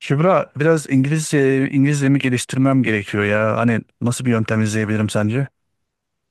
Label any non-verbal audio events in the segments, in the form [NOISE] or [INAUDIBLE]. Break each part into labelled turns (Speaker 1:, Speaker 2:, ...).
Speaker 1: Kübra biraz İngilizcemi geliştirmem gerekiyor ya. Hani nasıl bir yöntem izleyebilirim sence?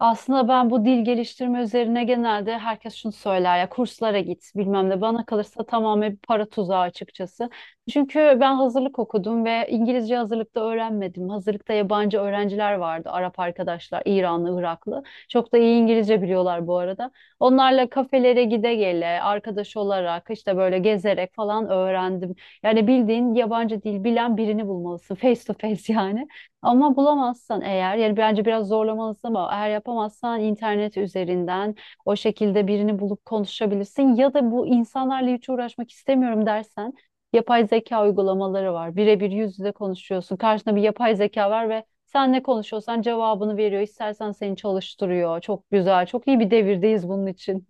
Speaker 2: Aslında ben bu dil geliştirme üzerine genelde herkes şunu söyler ya, kurslara git bilmem ne, bana kalırsa tamamen bir para tuzağı açıkçası. Çünkü ben hazırlık okudum ve İngilizce hazırlıkta öğrenmedim. Hazırlıkta yabancı öğrenciler vardı, Arap arkadaşlar, İranlı, Iraklı. Çok da iyi İngilizce biliyorlar bu arada. Onlarla kafelere gide gele, arkadaş olarak, işte böyle gezerek falan öğrendim. Yani bildiğin yabancı dil bilen birini bulmalısın, face to face [LAUGHS] yani. Ama bulamazsan eğer, yani bence biraz zorlamalısın, ama eğer yapamazsan internet üzerinden o şekilde birini bulup konuşabilirsin, ya da bu insanlarla hiç uğraşmak istemiyorum dersen yapay zeka uygulamaları var. Birebir yüz yüze konuşuyorsun. Karşında bir yapay zeka var ve sen ne konuşuyorsan cevabını veriyor. İstersen seni çalıştırıyor. Çok güzel. Çok iyi bir devirdeyiz bunun için.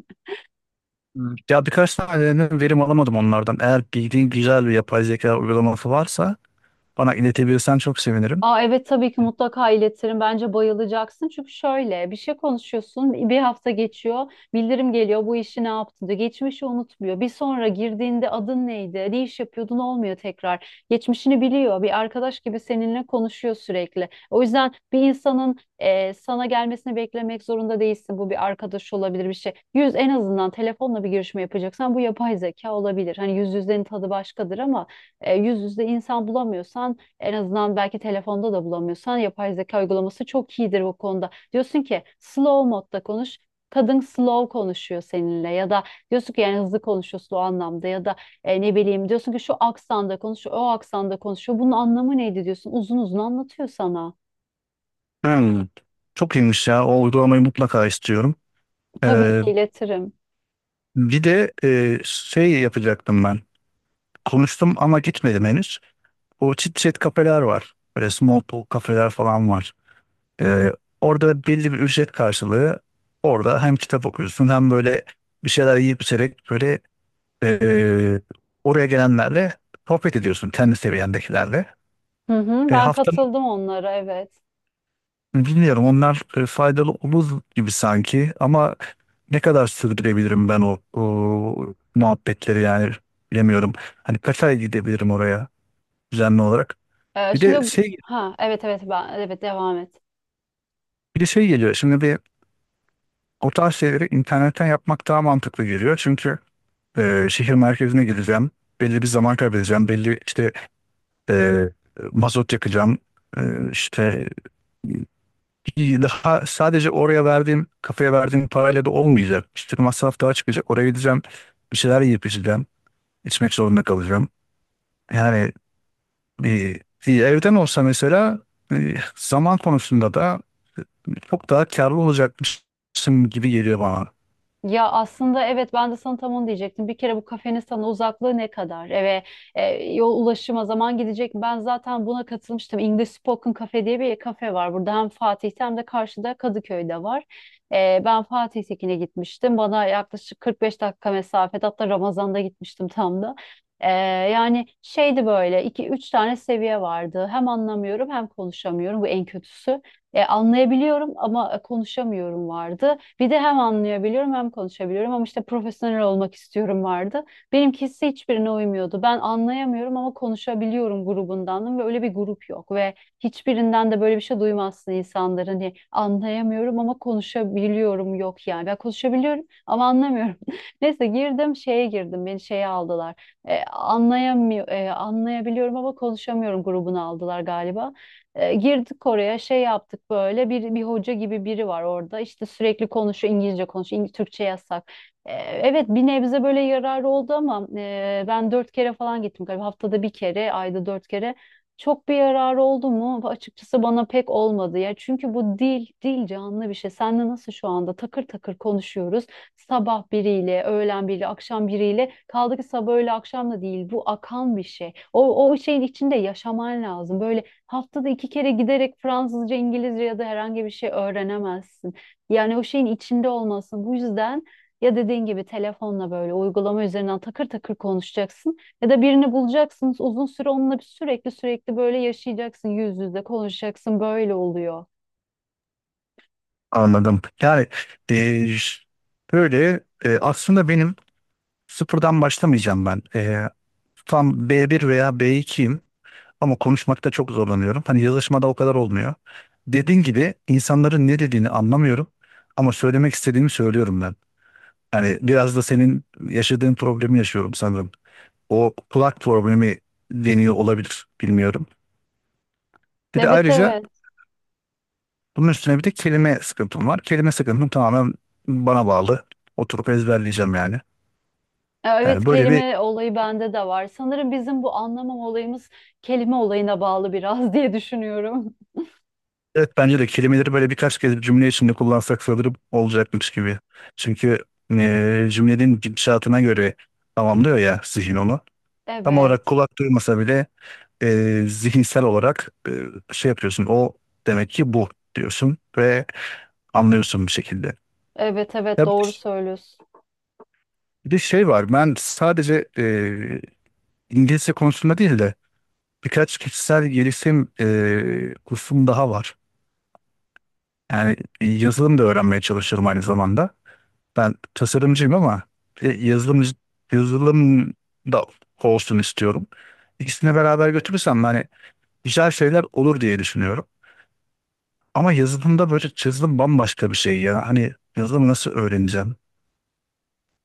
Speaker 1: Hmm. Ya birkaç tane verim alamadım onlardan. Eğer bildiğin güzel bir yapay zeka uygulaması varsa bana iletebilirsen çok sevinirim.
Speaker 2: Aa, evet, tabii ki mutlaka iletirim. Bence bayılacaksın. Çünkü şöyle bir şey, konuşuyorsun. Bir hafta geçiyor. Bildirim geliyor. Bu işi ne yaptın diyor. Geçmişi unutmuyor. Bir sonra girdiğinde adın neydi, ne iş yapıyordun olmuyor tekrar. Geçmişini biliyor. Bir arkadaş gibi seninle konuşuyor sürekli. O yüzden bir insanın sana gelmesini beklemek zorunda değilsin. Bu bir arkadaş olabilir, bir şey. Yüz, en azından telefonla bir görüşme yapacaksan bu yapay zeka olabilir. Hani yüz yüzlerin tadı başkadır ama yüz yüzde insan bulamıyorsan, en azından belki telefonda da bulamıyorsan, yapay zeka uygulaması çok iyidir bu konuda. Diyorsun ki slow modda konuş. Kadın slow konuşuyor seninle, ya da diyorsun ki yani hızlı konuşuyorsun o anlamda, ya da ne bileyim, diyorsun ki şu aksanda konuşuyor, o aksanda konuşuyor. Bunun anlamı neydi diyorsun. Uzun uzun anlatıyor sana.
Speaker 1: Hmm, çok iyiymiş ya. O uygulamayı mutlaka istiyorum.
Speaker 2: Tabii
Speaker 1: Ee,
Speaker 2: ki iletirim.
Speaker 1: Bir de şey yapacaktım ben. Konuştum ama gitmedim henüz. O chit chat kafeler var. Böyle small talk kafeler falan var. Ee, Orada belli bir ücret karşılığı orada hem kitap okuyorsun hem böyle bir şeyler yiyip içerek böyle, e, oraya gelenlerle sohbet ediyorsun kendi seviyendekilerle.
Speaker 2: Hı hı,
Speaker 1: E,
Speaker 2: ben
Speaker 1: haftanın
Speaker 2: katıldım onlara, evet.
Speaker 1: Bilmiyorum onlar faydalı olur gibi sanki ama ne kadar sürdürebilirim ben o muhabbetleri, yani bilemiyorum. Hani kaç ay gidebilirim oraya düzenli olarak. Bir de
Speaker 2: Şimdi,
Speaker 1: şey
Speaker 2: ha, evet evet, ben, evet, devam et.
Speaker 1: bir de şey geliyor. Şimdi bir o tarz şeyleri internetten yapmak daha mantıklı geliyor. Çünkü şehir merkezine gideceğim. Belli bir zaman kaybedeceğim. Belli işte, e, mazot yakacağım. E, işte Ki daha sadece oraya verdiğim, kafaya verdiğim parayla da olmayacak. İşte masraf daha çıkacak. Oraya gideceğim. Bir şeyler yiyip içeceğim. İçmek zorunda kalacağım. Yani bir evden olsa mesela zaman konusunda da çok daha karlı olacakmışım gibi geliyor bana.
Speaker 2: Ya aslında evet, ben de sana tam onu diyecektim. Bir kere bu kafenin sana uzaklığı ne kadar? Eve e, yol, ulaşıma zaman gidecek. Ben zaten buna katılmıştım. English Spoken Cafe diye bir kafe var. Burada hem Fatih'te hem de karşıda Kadıköy'de var. Ben Fatih'tekine gitmiştim. Bana yaklaşık 45 dakika mesafede, hatta Ramazan'da gitmiştim tam da. E, Yani şeydi, böyle iki üç tane seviye vardı. Hem anlamıyorum hem konuşamıyorum, bu en kötüsü. Anlayabiliyorum ama konuşamıyorum vardı. Bir de hem anlayabiliyorum hem konuşabiliyorum ama işte profesyonel olmak istiyorum vardı. Benimkisi hiçbirine uymuyordu. Ben anlayamıyorum ama konuşabiliyorum grubundandım ve öyle bir grup yok, ve hiçbirinden de böyle bir şey duymazsın insanlar. Hani anlayamıyorum ama konuşabiliyorum yok yani. Ben konuşabiliyorum ama anlamıyorum. [LAUGHS] Neyse, girdim şeye, girdim, beni şeye aldılar. Anlayabiliyorum ama konuşamıyorum grubuna aldılar galiba. Girdik oraya, şey yaptık, böyle bir hoca gibi biri var orada, işte sürekli konuşuyor, İngilizce konuşuyor, Türkçe yasak. Evet, bir nebze böyle yararı oldu ama ben dört kere falan gittim galiba, haftada bir kere, ayda dört kere. Çok bir yararı oldu mu? Açıkçası bana pek olmadı ya. Çünkü bu dil canlı bir şey. Seninle nasıl şu anda takır takır konuşuyoruz. Sabah biriyle, öğlen biriyle, akşam biriyle. Kaldı ki sabah öğle akşam da değil. Bu akan bir şey. O şeyin içinde yaşaman lazım. Böyle haftada iki kere giderek Fransızca, İngilizce ya da herhangi bir şey öğrenemezsin. Yani o şeyin içinde olmasın. Bu yüzden ya dediğin gibi telefonla, böyle uygulama üzerinden takır takır konuşacaksın, ya da birini bulacaksınız uzun süre, onunla bir sürekli sürekli böyle yaşayacaksın, yüz yüze konuşacaksın, böyle oluyor.
Speaker 1: Anladım. Yani e, böyle, aslında benim sıfırdan başlamayacağım ben. E, tam B1 veya B2'yim. Ama konuşmakta çok zorlanıyorum. Hani yazışmada o kadar olmuyor. Dediğin gibi insanların ne dediğini anlamıyorum ama söylemek istediğimi söylüyorum ben. Yani biraz da senin yaşadığın problemi yaşıyorum sanırım. O kulak problemi deniyor olabilir, bilmiyorum. Bir de
Speaker 2: Evet,
Speaker 1: ayrıca
Speaker 2: evet.
Speaker 1: bunun üstüne bir de kelime sıkıntım var. Kelime sıkıntım tamamen bana bağlı. Oturup ezberleyeceğim yani.
Speaker 2: Ya, evet,
Speaker 1: Yani böyle bir
Speaker 2: kelime olayı bende de var. Sanırım bizim bu anlamam olayımız kelime olayına bağlı biraz [LAUGHS] diye düşünüyorum.
Speaker 1: evet, bence de kelimeleri böyle birkaç kez cümle içinde kullansak sanırım olacakmış gibi. Çünkü cümlenin gidişatına göre tamamlıyor ya zihin onu. Tam olarak
Speaker 2: Evet.
Speaker 1: kulak duymasa bile zihinsel olarak şey yapıyorsun. O demek ki bu diyorsun ve anlıyorsun bir şekilde.
Speaker 2: Evet evet,
Speaker 1: Ya
Speaker 2: doğru
Speaker 1: bir,
Speaker 2: söylüyorsun.
Speaker 1: bir de şey var, ben sadece İngilizce konusunda değil de birkaç kişisel gelişim kursum daha var. Yani yazılım da öğrenmeye çalışıyorum aynı zamanda. Ben tasarımcıyım ama e, yazılım yazılım da olsun istiyorum. İkisini beraber götürürsem hani güzel şeyler olur diye düşünüyorum. Ama yazılımda böyle yazılım bambaşka bir şey ya. Hani yazılımı nasıl öğreneceğim?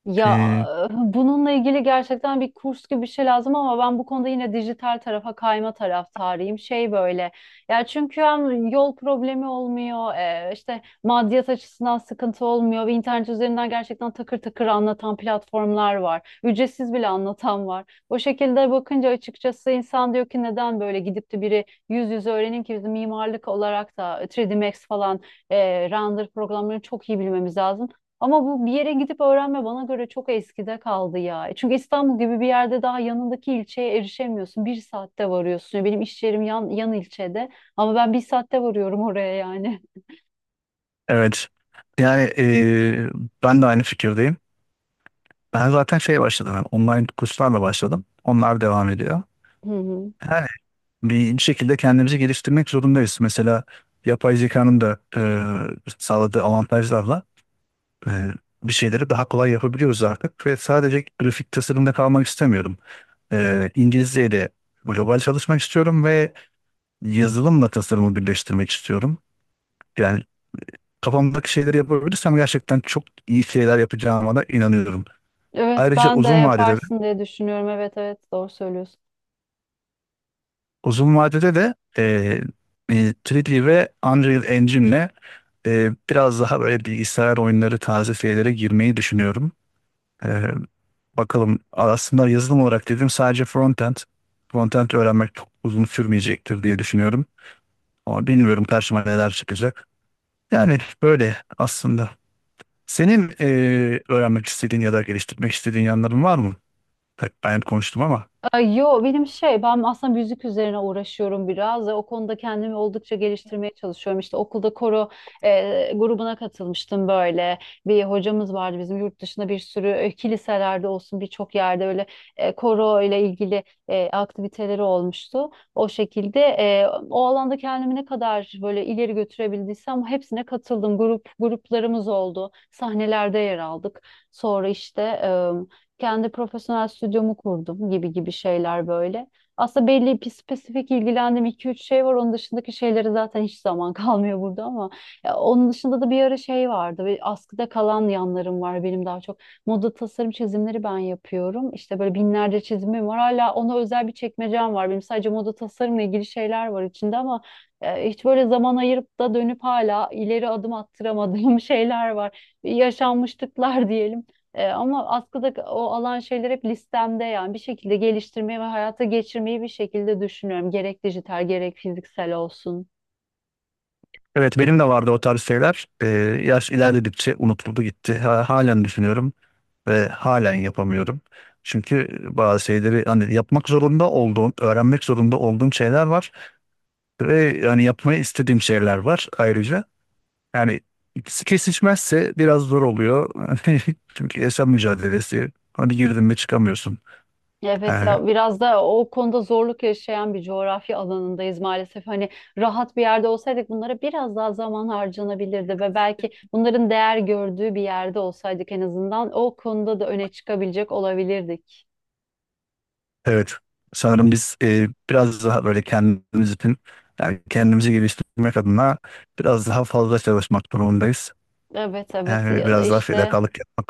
Speaker 2: Ya,
Speaker 1: Ee,
Speaker 2: bununla ilgili gerçekten bir kurs gibi bir şey lazım, ama ben bu konuda yine dijital tarafa kayma taraftarıyım. Şey böyle. Ya çünkü hem yol problemi olmuyor, işte maddiyat açısından sıkıntı olmuyor, ve internet üzerinden gerçekten takır takır anlatan platformlar var. Ücretsiz bile anlatan var. O şekilde bakınca açıkçası insan diyor ki neden böyle gidip de biri yüz yüze öğrenin ki, biz mimarlık olarak da 3D Max falan render programlarını çok iyi bilmemiz lazım. Ama bu bir yere gidip öğrenme bana göre çok eskide kaldı ya. Çünkü İstanbul gibi bir yerde daha yanındaki ilçeye erişemiyorsun. Bir saatte varıyorsun. Ya, benim iş yerim yan ilçede, ama ben bir saatte varıyorum oraya yani.
Speaker 1: evet. Yani ben de aynı fikirdeyim. Ben zaten şey başladım, yani online kurslarla başladım. Onlar devam ediyor.
Speaker 2: [LAUGHS] Hı hı.
Speaker 1: Yani bir şekilde kendimizi geliştirmek zorundayız. Mesela yapay zekanın da sağladığı avantajlarla e, bir şeyleri daha kolay yapabiliyoruz artık ve sadece grafik tasarımda kalmak istemiyorum. E, İngilizceyle de global çalışmak istiyorum ve yazılımla tasarımı birleştirmek istiyorum. Yani kafamdaki şeyleri yapabilirsem gerçekten çok iyi şeyler yapacağıma da inanıyorum.
Speaker 2: Evet,
Speaker 1: Ayrıca
Speaker 2: ben de
Speaker 1: uzun vadede de,
Speaker 2: yaparsın diye düşünüyorum. Evet evet, doğru söylüyorsun.
Speaker 1: uzun vadede de 3D ve Unreal Engine'le biraz daha böyle bilgisayar oyunları tarzı şeylere girmeyi düşünüyorum. Ee, Bakalım. Aslında yazılım olarak dedim sadece frontend. Frontend öğrenmek çok uzun sürmeyecektir diye düşünüyorum. Ama bilmiyorum karşıma neler çıkacak. Yani böyle aslında. Senin öğrenmek istediğin ya da geliştirmek istediğin yanların var mı? Tabii ben konuştum ama.
Speaker 2: Ay, yo, benim şey, ben aslında müzik üzerine uğraşıyorum biraz ve o konuda kendimi oldukça geliştirmeye çalışıyorum. İşte okulda koro grubuna katılmıştım böyle. Bir hocamız vardı bizim, yurt dışında bir sürü kiliselerde olsun, birçok yerde öyle koro ile ilgili aktiviteleri olmuştu. O şekilde o alanda kendimi ne kadar böyle ileri götürebildiysem hepsine katıldım. Grup gruplarımız oldu. Sahnelerde yer aldık. Sonra işte kendi profesyonel stüdyomu kurdum, gibi gibi şeyler böyle. Aslında belli bir spesifik ilgilendiğim iki üç şey var. Onun dışındaki şeyleri zaten hiç zaman [LAUGHS] kalmıyor burada, ama ya onun dışında da bir ara şey vardı. Ve askıda kalan yanlarım var benim daha çok. Moda tasarım çizimleri ben yapıyorum. İşte böyle binlerce çizimim var. Hala ona özel bir çekmecem var. Benim sadece moda tasarımla ilgili şeyler var içinde, ama hiç böyle zaman ayırıp da dönüp hala ileri adım attıramadığım [LAUGHS] şeyler var. Yaşanmışlıklar diyelim. Ama askıda o alan şeyler hep listemde, yani bir şekilde geliştirmeyi ve hayata geçirmeyi bir şekilde düşünüyorum. Gerek dijital, gerek fiziksel olsun.
Speaker 1: Evet, benim de vardı o tarz şeyler. Yaş ilerledikçe unutuldu gitti. Halen düşünüyorum ve halen yapamıyorum. Çünkü bazı şeyleri hani yapmak zorunda olduğum, öğrenmek zorunda olduğum şeyler var. Ve yani yapmayı istediğim şeyler var ayrıca. Yani ikisi kesişmezse biraz zor oluyor. [LAUGHS] Çünkü yaşam mücadelesi. Hani girdin mi çıkamıyorsun.
Speaker 2: Evet
Speaker 1: Yani,
Speaker 2: ya, biraz da o konuda zorluk yaşayan bir coğrafya alanındayız maalesef. Hani rahat bir yerde olsaydık bunlara biraz daha zaman harcanabilirdi, ve belki bunların değer gördüğü bir yerde olsaydık en azından o konuda da öne çıkabilecek olabilirdik.
Speaker 1: evet. Sanırım biz biraz daha böyle kendimiz için, yani kendimizi geliştirmek adına biraz daha fazla çalışmak durumundayız.
Speaker 2: Evet evet,
Speaker 1: Yani
Speaker 2: ya da
Speaker 1: biraz daha
Speaker 2: işte
Speaker 1: fedakarlık yapmak.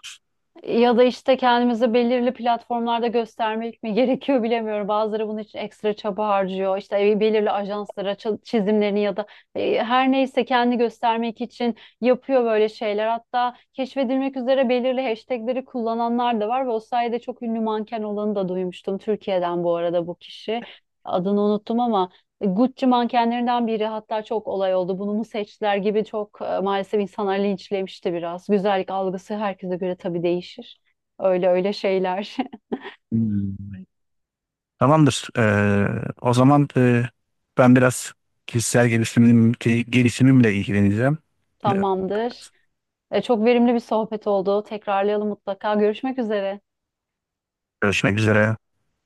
Speaker 2: Ya da işte kendimizi belirli platformlarda göstermek mi [LAUGHS] gerekiyor bilemiyorum. Bazıları bunun için ekstra çaba harcıyor. İşte belirli ajanslara çizimlerini ya da her neyse kendi göstermek için yapıyor böyle şeyler. Hatta keşfedilmek üzere belirli hashtagleri kullananlar da var ve o sayede çok ünlü manken olanı da duymuştum. Türkiye'den bu arada bu kişi. Adını unuttum ama Gucci mankenlerinden biri, hatta çok olay oldu. Bunu mu seçtiler gibi çok, maalesef insanlar linçlemişti biraz. Güzellik algısı herkese göre tabii değişir. Öyle öyle şeyler.
Speaker 1: Hmm. Tamamdır. E, o zaman ben biraz kişisel gelişimimle ilgileneceğim.
Speaker 2: [LAUGHS]
Speaker 1: E,
Speaker 2: Tamamdır. Çok verimli bir sohbet oldu. Tekrarlayalım mutlaka. Görüşmek üzere.
Speaker 1: görüşmek üzere.